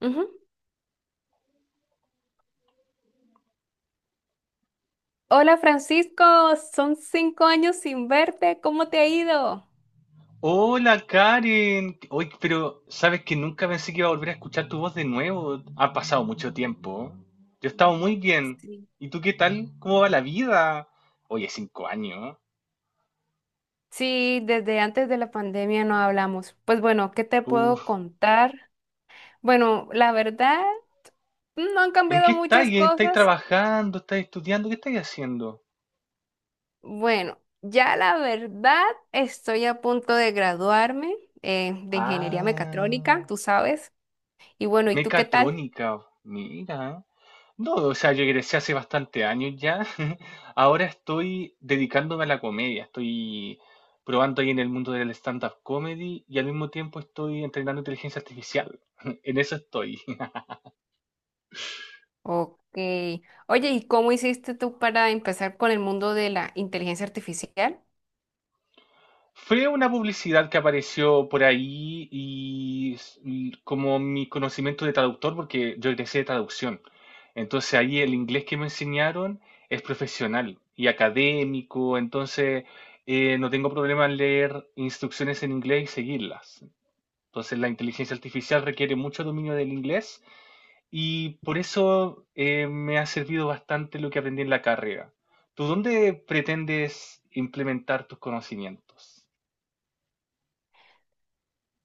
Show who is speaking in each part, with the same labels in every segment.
Speaker 1: Ujú. Hola Francisco, son 5 años sin verte, ¿cómo te ha ido?
Speaker 2: Hola Karen, hoy pero sabes que nunca pensé que iba a volver a escuchar tu voz de nuevo. Ha pasado mucho tiempo. Yo he estado muy bien.
Speaker 1: Sí.
Speaker 2: ¿Y tú qué tal? ¿Cómo va la vida? Oye, 5 años.
Speaker 1: Sí, desde antes de la pandemia no hablamos. Pues bueno, ¿qué te puedo
Speaker 2: Uf.
Speaker 1: contar? Bueno, la verdad, no han
Speaker 2: ¿En qué
Speaker 1: cambiado
Speaker 2: estás?
Speaker 1: muchas
Speaker 2: ¿Estáis
Speaker 1: cosas.
Speaker 2: trabajando? ¿Estás estudiando? ¿Qué estáis haciendo?
Speaker 1: Bueno, ya la verdad, estoy a punto de graduarme de ingeniería
Speaker 2: Ah,
Speaker 1: mecatrónica, tú sabes. Y bueno, ¿y tú qué tal?
Speaker 2: mecatrónica. Mira. No, o sea, yo egresé hace bastante años ya. Ahora estoy dedicándome a la comedia. Estoy probando ahí en el mundo del stand-up comedy y al mismo tiempo estoy entrenando inteligencia artificial. En eso estoy.
Speaker 1: Ok. Oye, ¿y cómo hiciste tú para empezar con el mundo de la inteligencia artificial?
Speaker 2: Fue una publicidad que apareció por ahí y como mi conocimiento de traductor, porque yo egresé de traducción. Entonces ahí el inglés que me enseñaron es profesional y académico, entonces no tengo problema en leer instrucciones en inglés y seguirlas. Entonces la inteligencia artificial requiere mucho dominio del inglés y por eso me ha servido bastante lo que aprendí en la carrera. ¿Tú dónde pretendes implementar tus conocimientos?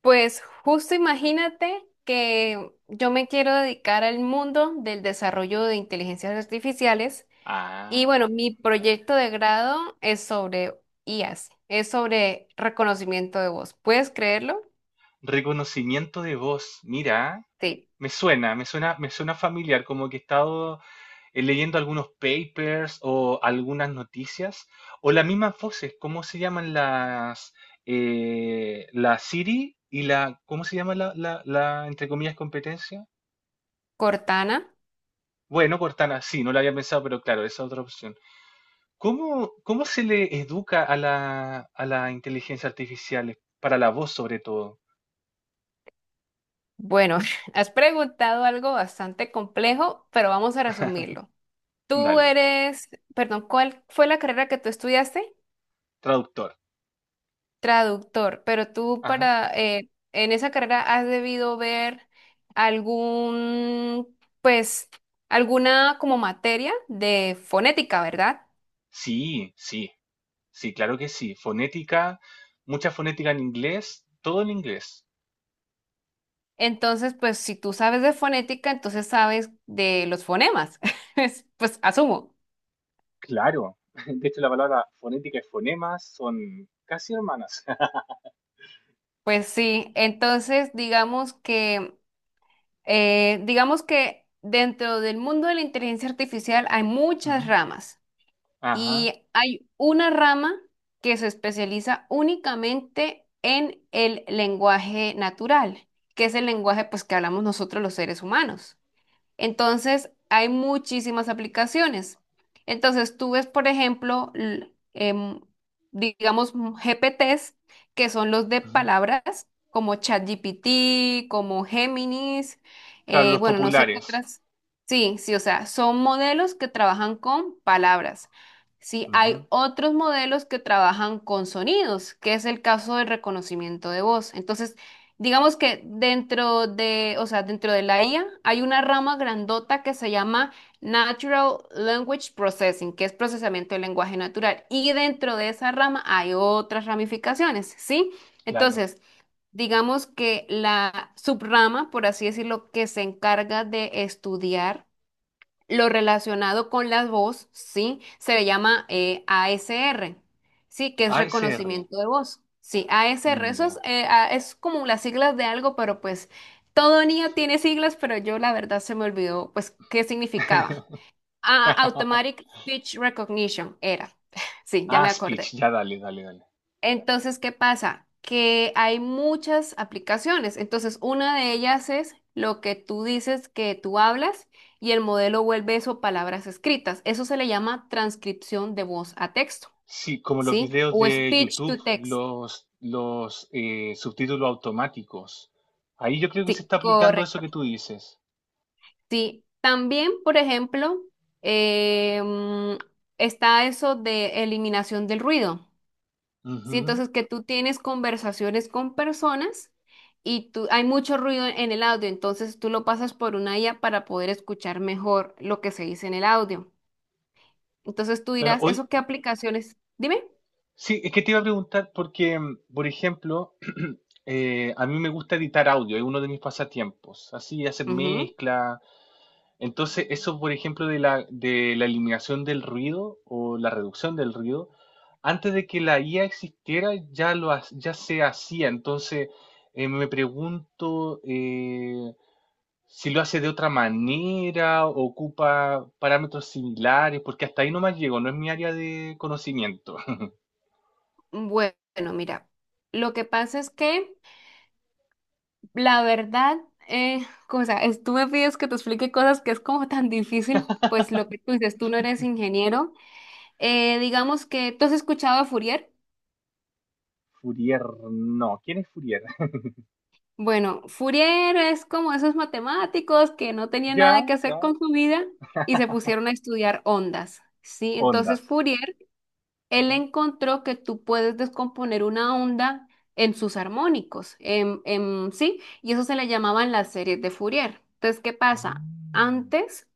Speaker 1: Pues justo imagínate que yo me quiero dedicar al mundo del desarrollo de inteligencias artificiales y
Speaker 2: Ah,
Speaker 1: bueno, mi proyecto de grado es sobre IAS, es sobre reconocimiento de voz. ¿Puedes creerlo?
Speaker 2: reconocimiento de voz. Mira,
Speaker 1: Sí.
Speaker 2: me suena familiar, como que he estado leyendo algunos papers o algunas noticias o las mismas voces. ¿Cómo se llaman las la Siri y la cómo se llama la, entre comillas competencia?
Speaker 1: Cortana.
Speaker 2: Bueno, Cortana, sí, no la había pensado, pero claro, esa es otra opción. ¿Cómo se le educa a la inteligencia artificial para la voz sobre todo?
Speaker 1: Bueno, has preguntado algo bastante complejo, pero vamos a resumirlo. Tú
Speaker 2: Dale,
Speaker 1: eres, perdón, ¿cuál fue la carrera que tú estudiaste?
Speaker 2: traductor.
Speaker 1: Traductor, pero tú
Speaker 2: Ajá.
Speaker 1: para en esa carrera has debido ver algún, pues, alguna como materia de fonética, ¿verdad?
Speaker 2: Sí, sí, sí, claro que sí. Fonética, mucha fonética en inglés, todo en inglés.
Speaker 1: Entonces, pues, si tú sabes de fonética, entonces sabes de los fonemas. Pues asumo.
Speaker 2: Claro. De hecho, la palabra fonética y fonemas son casi hermanas.
Speaker 1: Pues sí. Entonces, digamos que dentro del mundo de la inteligencia artificial hay muchas
Speaker 2: Ujú.
Speaker 1: ramas.
Speaker 2: Ajá.
Speaker 1: Y hay una rama que se especializa únicamente en el lenguaje natural, que es el lenguaje pues que hablamos nosotros los seres humanos. Entonces, hay muchísimas aplicaciones. Entonces, tú ves, por ejemplo, digamos, GPTs, que son los de
Speaker 2: Ujú.
Speaker 1: palabras, como ChatGPT, como Géminis,
Speaker 2: Claro, los
Speaker 1: bueno, no sé qué
Speaker 2: populares.
Speaker 1: otras. Sí, sí, o sea, son modelos que trabajan con palabras. Sí, hay
Speaker 2: Ujú.
Speaker 1: otros modelos que trabajan con sonidos, que es el caso del reconocimiento de voz. Entonces, digamos que dentro de, o sea, dentro de la IA hay una rama grandota que se llama Natural Language Processing, que es procesamiento del lenguaje natural. Y dentro de esa rama hay otras ramificaciones, ¿sí?
Speaker 2: Claro.
Speaker 1: Entonces, digamos que la subrama, por así decirlo, que se encarga de estudiar lo relacionado con la voz, sí, se le llama ASR, sí, que es
Speaker 2: ASR.
Speaker 1: reconocimiento de voz. Sí, ASR, eso es,
Speaker 2: Ya.
Speaker 1: es como las siglas de algo, pero pues todo niño tiene siglas, pero yo la verdad se me olvidó, pues, qué significaba. Ah, Automatic Speech Recognition era. Sí, ya
Speaker 2: Ah,
Speaker 1: me
Speaker 2: speech.
Speaker 1: acordé.
Speaker 2: Ya, dale.
Speaker 1: Entonces, ¿qué pasa? Que hay muchas aplicaciones. Entonces, una de ellas es lo que tú dices que tú hablas y el modelo vuelve eso palabras escritas. Eso se le llama transcripción de voz a texto,
Speaker 2: Sí, como los
Speaker 1: ¿sí?
Speaker 2: videos
Speaker 1: O
Speaker 2: de
Speaker 1: speech
Speaker 2: YouTube,
Speaker 1: to text.
Speaker 2: los subtítulos automáticos. Ahí yo creo que se
Speaker 1: Sí,
Speaker 2: está aplicando eso
Speaker 1: correcto.
Speaker 2: que tú dices.
Speaker 1: Sí. También, por ejemplo, eh, mm, está eso de eliminación del ruido. Sí,
Speaker 2: Ujú,
Speaker 1: entonces que tú tienes conversaciones con personas y tú, hay mucho ruido en el audio, entonces tú lo pasas por una IA para poder escuchar mejor lo que se dice en el audio. Entonces tú
Speaker 2: claro.
Speaker 1: dirás,
Speaker 2: Hoy,
Speaker 1: ¿eso qué aplicaciones? Dime.
Speaker 2: sí, es que te iba a preguntar porque, por ejemplo, a mí me gusta editar audio, es uno de mis pasatiempos, así hacer
Speaker 1: Ujú.
Speaker 2: mezcla. Entonces, eso, por ejemplo, de la eliminación del ruido o la reducción del ruido, antes de que la IA existiera, ya se hacía. Entonces, eh, me pregunto, si lo hace de otra manera, ocupa parámetros similares, porque hasta ahí nomás llego, no es mi área de conocimiento.
Speaker 1: Bueno, mira, lo que pasa es que la verdad, como, o sea, tú me pides que te explique cosas que es como tan difícil, pues lo que tú dices, tú no eres ingeniero. Digamos que tú has escuchado a Fourier.
Speaker 2: Fourier, no. ¿Quién es Fourier?
Speaker 1: Bueno, Fourier es como esos matemáticos que no tenían nada que
Speaker 2: Ya.
Speaker 1: hacer con su vida y se pusieron a estudiar ondas, ¿sí? Entonces
Speaker 2: Ondas.
Speaker 1: Fourier, él
Speaker 2: Ajá.
Speaker 1: encontró que tú puedes descomponer una onda en sus armónicos, en, ¿sí? Y eso se le llamaban las series de Fourier. Entonces, ¿qué pasa?
Speaker 2: Mm,
Speaker 1: Antes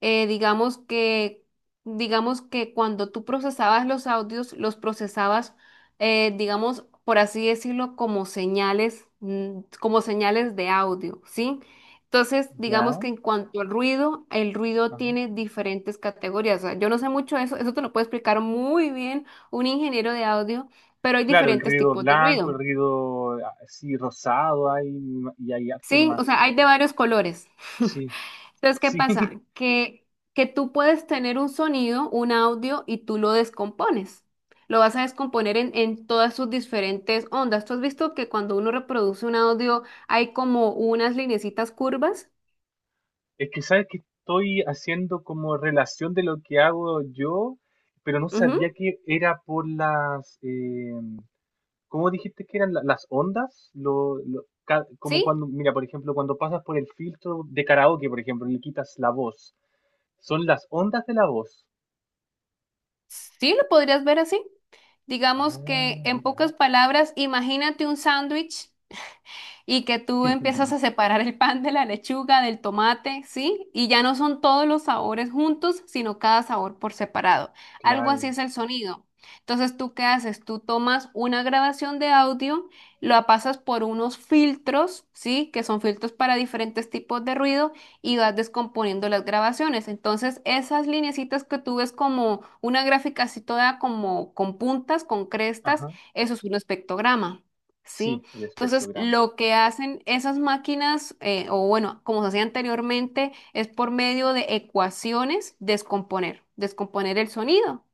Speaker 1: eh, digamos que, digamos que cuando tú procesabas los audios, los procesabas, digamos, por así decirlo, como señales de audio, ¿sí? Entonces, digamos
Speaker 2: ya.
Speaker 1: que en cuanto al ruido, el ruido
Speaker 2: Ajá.
Speaker 1: tiene diferentes categorías. O sea, yo no sé mucho de eso, eso te lo puede explicar muy bien un ingeniero de audio, pero hay
Speaker 2: Claro, el
Speaker 1: diferentes
Speaker 2: ruido
Speaker 1: tipos de
Speaker 2: blanco, el
Speaker 1: ruido,
Speaker 2: ruido así rosado hay, y hay harto
Speaker 1: ¿sí? O
Speaker 2: más.
Speaker 1: sea, hay de varios colores.
Speaker 2: Sí,
Speaker 1: Entonces, ¿qué
Speaker 2: sí.
Speaker 1: pasa? Que tú puedes tener un sonido, un audio, y tú lo descompones. Lo vas a descomponer en todas sus diferentes ondas. ¿Tú has visto que cuando uno reproduce un audio hay como unas linecitas curvas?
Speaker 2: Es que sabes que estoy haciendo como relación de lo que hago yo, pero no sabía
Speaker 1: Ujú.
Speaker 2: que era por las, ¿cómo dijiste que eran las ondas? Como
Speaker 1: ¿Sí?
Speaker 2: cuando, mira, por ejemplo, cuando pasas por el filtro de karaoke, por ejemplo, y le quitas la voz. Son las ondas de la voz.
Speaker 1: ¿Sí lo podrías ver así?
Speaker 2: Ah,
Speaker 1: Digamos que en
Speaker 2: mira.
Speaker 1: pocas palabras, imagínate un sándwich y que tú empiezas a separar el pan de la lechuga, del tomate, ¿sí? Y ya no son todos los sabores juntos, sino cada sabor por separado. Algo así
Speaker 2: Claro.
Speaker 1: es el sonido. Entonces, ¿tú qué haces? Tú tomas una grabación de audio, lo pasas por unos filtros, ¿sí? Que son filtros para diferentes tipos de ruido y vas descomponiendo las grabaciones. Entonces, esas lineecitas que tú ves como una gráfica así toda como con puntas, con crestas,
Speaker 2: Ajá.
Speaker 1: eso es un espectrograma, ¿sí?
Speaker 2: Sí, el
Speaker 1: Entonces,
Speaker 2: espectrograma.
Speaker 1: lo que hacen esas máquinas, o bueno, como se hacía anteriormente, es por medio de ecuaciones descomponer el sonido.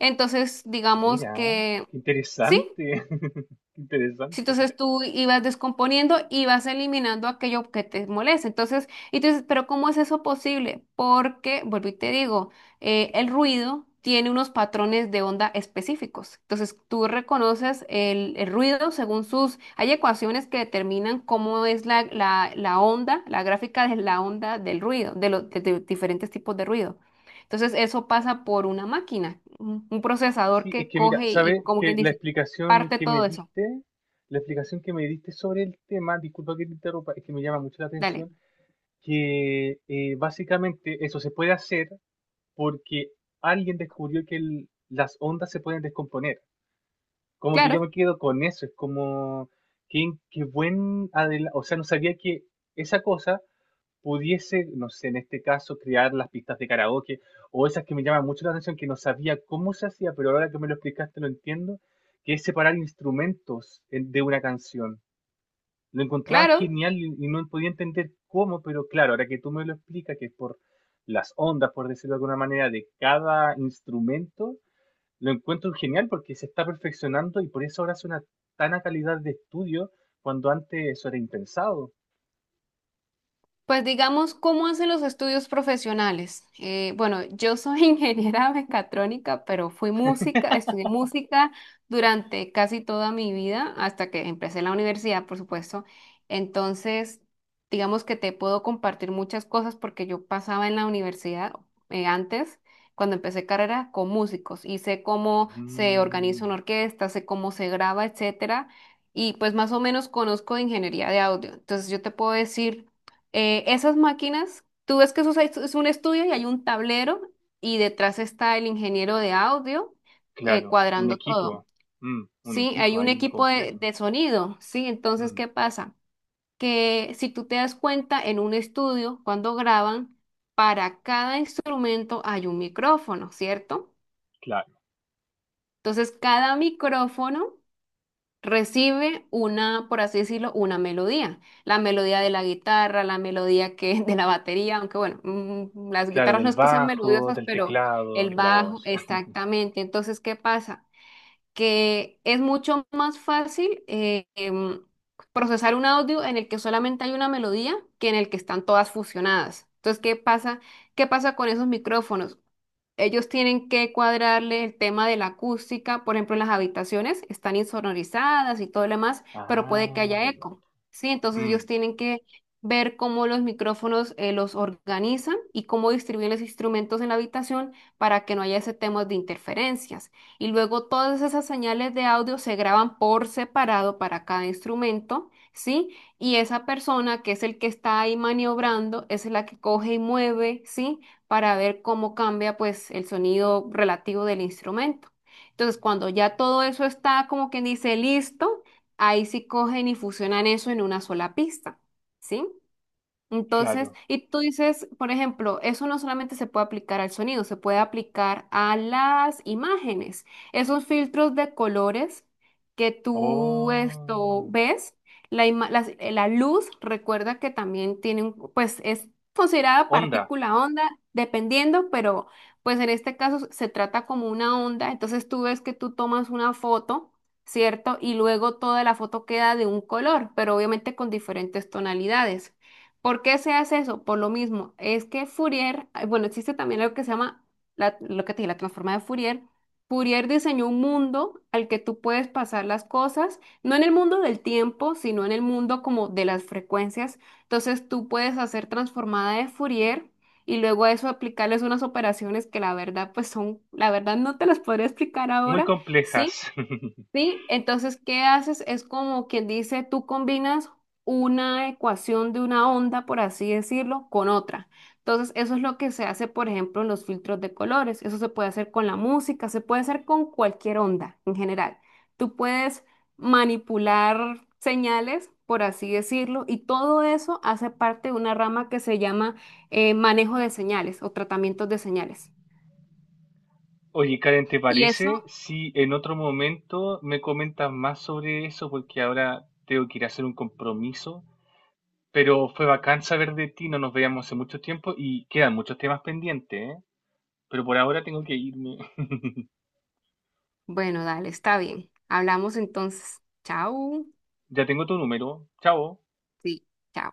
Speaker 1: Entonces, digamos
Speaker 2: Mira,
Speaker 1: que
Speaker 2: qué
Speaker 1: sí.
Speaker 2: interesante. Qué
Speaker 1: Sí,
Speaker 2: interesante.
Speaker 1: entonces tú ibas descomponiendo y vas eliminando aquello que te molesta. Entonces, y tú dices, pero ¿cómo es eso posible? Porque, vuelvo y te digo, el ruido tiene unos patrones de onda específicos. Entonces tú reconoces el ruido según sus... Hay ecuaciones que determinan cómo es la onda, la gráfica de la onda del ruido, de los diferentes tipos de ruido. Entonces eso pasa por una máquina, un procesador
Speaker 2: Sí, es
Speaker 1: que
Speaker 2: que mira,
Speaker 1: coge y
Speaker 2: sabes
Speaker 1: como
Speaker 2: que
Speaker 1: quien
Speaker 2: la
Speaker 1: dice,
Speaker 2: explicación
Speaker 1: parte
Speaker 2: que me
Speaker 1: todo eso.
Speaker 2: diste, la explicación que me diste sobre el tema, disculpa que te interrumpa, es que me llama mucho la
Speaker 1: Dale.
Speaker 2: atención, que básicamente eso se puede hacer porque alguien descubrió que las ondas se pueden descomponer. Como que yo me
Speaker 1: Claro,
Speaker 2: quedo con eso, es como qué, o sea, no sabía que esa cosa pudiese, no sé, en este caso, crear las pistas de karaoke o esas que me llaman mucho la atención que no sabía cómo se hacía, pero ahora que me lo explicaste lo entiendo, que es separar instrumentos de una canción. Lo encontraba
Speaker 1: claro.
Speaker 2: genial y no podía entender cómo, pero claro, ahora que tú me lo explicas, que es por las ondas, por decirlo de alguna manera, de cada instrumento, lo encuentro genial porque se está perfeccionando y por eso ahora es una tan a calidad de estudio cuando antes eso era impensado.
Speaker 1: Pues digamos, ¿cómo hacen los estudios profesionales? Bueno, yo soy ingeniera mecatrónica, pero fui música, estudié música durante casi toda mi vida, hasta que empecé la universidad, por supuesto. Entonces, digamos que te puedo compartir muchas cosas porque yo pasaba en la universidad antes, cuando empecé carrera, con músicos y sé cómo se organiza
Speaker 2: Mm,
Speaker 1: una orquesta, sé cómo se graba, etcétera. Y pues más o menos conozco de ingeniería de audio. Entonces, yo te puedo decir esas máquinas, tú ves que eso es un estudio y hay un tablero y detrás está el ingeniero de audio
Speaker 2: claro, un
Speaker 1: cuadrando
Speaker 2: equipo,
Speaker 1: todo.
Speaker 2: mm, un
Speaker 1: Sí, hay
Speaker 2: equipo
Speaker 1: un
Speaker 2: ahí
Speaker 1: equipo
Speaker 2: incompleto.
Speaker 1: de sonido, ¿sí? Entonces,
Speaker 2: Mm,
Speaker 1: ¿qué pasa? Que si tú te das cuenta en un estudio, cuando graban, para cada instrumento hay un micrófono, ¿cierto?
Speaker 2: claro,
Speaker 1: Entonces, cada micrófono recibe una, por así decirlo, una melodía. La melodía de la guitarra, la melodía que, de la batería, aunque bueno, mm, las
Speaker 2: claro,
Speaker 1: guitarras no
Speaker 2: del
Speaker 1: es que sean
Speaker 2: bajo,
Speaker 1: melodiosas,
Speaker 2: del
Speaker 1: pero
Speaker 2: teclado,
Speaker 1: el
Speaker 2: de la
Speaker 1: bajo,
Speaker 2: voz.
Speaker 1: exactamente. Entonces, ¿qué pasa? Que es mucho más fácil procesar un audio en el que solamente hay una melodía que en el que están todas fusionadas. Entonces, ¿qué pasa? ¿Qué pasa con esos micrófonos? Ellos tienen que cuadrarle el tema de la acústica, por ejemplo, en las habitaciones están insonorizadas y todo lo demás, pero puede que
Speaker 2: Ah,
Speaker 1: haya
Speaker 2: verdad.
Speaker 1: eco, ¿sí? Entonces ellos
Speaker 2: Mm,
Speaker 1: tienen que ver cómo los micrófonos los organizan y cómo distribuyen los instrumentos en la habitación para que no haya ese tema de interferencias. Y luego todas esas señales de audio se graban por separado para cada instrumento, ¿sí? Y esa persona que es el que está ahí maniobrando es la que coge y mueve, ¿sí? Para ver cómo cambia pues el sonido relativo del instrumento. Entonces, cuando ya todo eso está como quien dice listo, ahí sí cogen y fusionan eso en una sola pista, ¿sí? Entonces,
Speaker 2: claro.
Speaker 1: y tú dices, por ejemplo, eso no solamente se puede aplicar al sonido, se puede aplicar a las imágenes. Esos filtros de colores que tú esto
Speaker 2: Oh.
Speaker 1: ves, la luz, recuerda que también tiene un, pues es considerada
Speaker 2: Onda,
Speaker 1: partícula onda, dependiendo, pero pues en este caso se trata como una onda. Entonces tú ves que tú tomas una foto. ¿Cierto? Y luego toda la foto queda de un color, pero obviamente con diferentes tonalidades. ¿Por qué se hace eso? Por lo mismo, es que Fourier, ay, bueno, existe también algo que se llama la, lo que te dije, la transforma de Fourier. Fourier diseñó un mundo al que tú puedes pasar las cosas, no en el mundo del tiempo, sino en el mundo como de las frecuencias. Entonces tú puedes hacer transformada de Fourier y luego a eso aplicarles unas operaciones que la verdad, pues son, la verdad no te las podría explicar
Speaker 2: muy
Speaker 1: ahora, ¿sí?
Speaker 2: complejas.
Speaker 1: Sí, entonces, ¿qué haces? Es como quien dice, tú combinas una ecuación de una onda, por así decirlo, con otra. Entonces, eso es lo que se hace, por ejemplo, en los filtros de colores. Eso se puede hacer con la música, se puede hacer con cualquier onda en general. Tú puedes manipular señales, por así decirlo, y todo eso hace parte de una rama que se llama manejo de señales o tratamientos de señales.
Speaker 2: Oye, Karen, ¿te
Speaker 1: Y eso,
Speaker 2: parece si en otro momento me comentas más sobre eso? Porque ahora tengo que ir a hacer un compromiso. Pero fue bacán saber de ti, no nos veíamos hace mucho tiempo y quedan muchos temas pendientes, ¿eh? Pero por ahora tengo que irme.
Speaker 1: bueno, dale, está bien. Hablamos entonces. Chao.
Speaker 2: Ya tengo tu número. Chao.
Speaker 1: Sí, chao.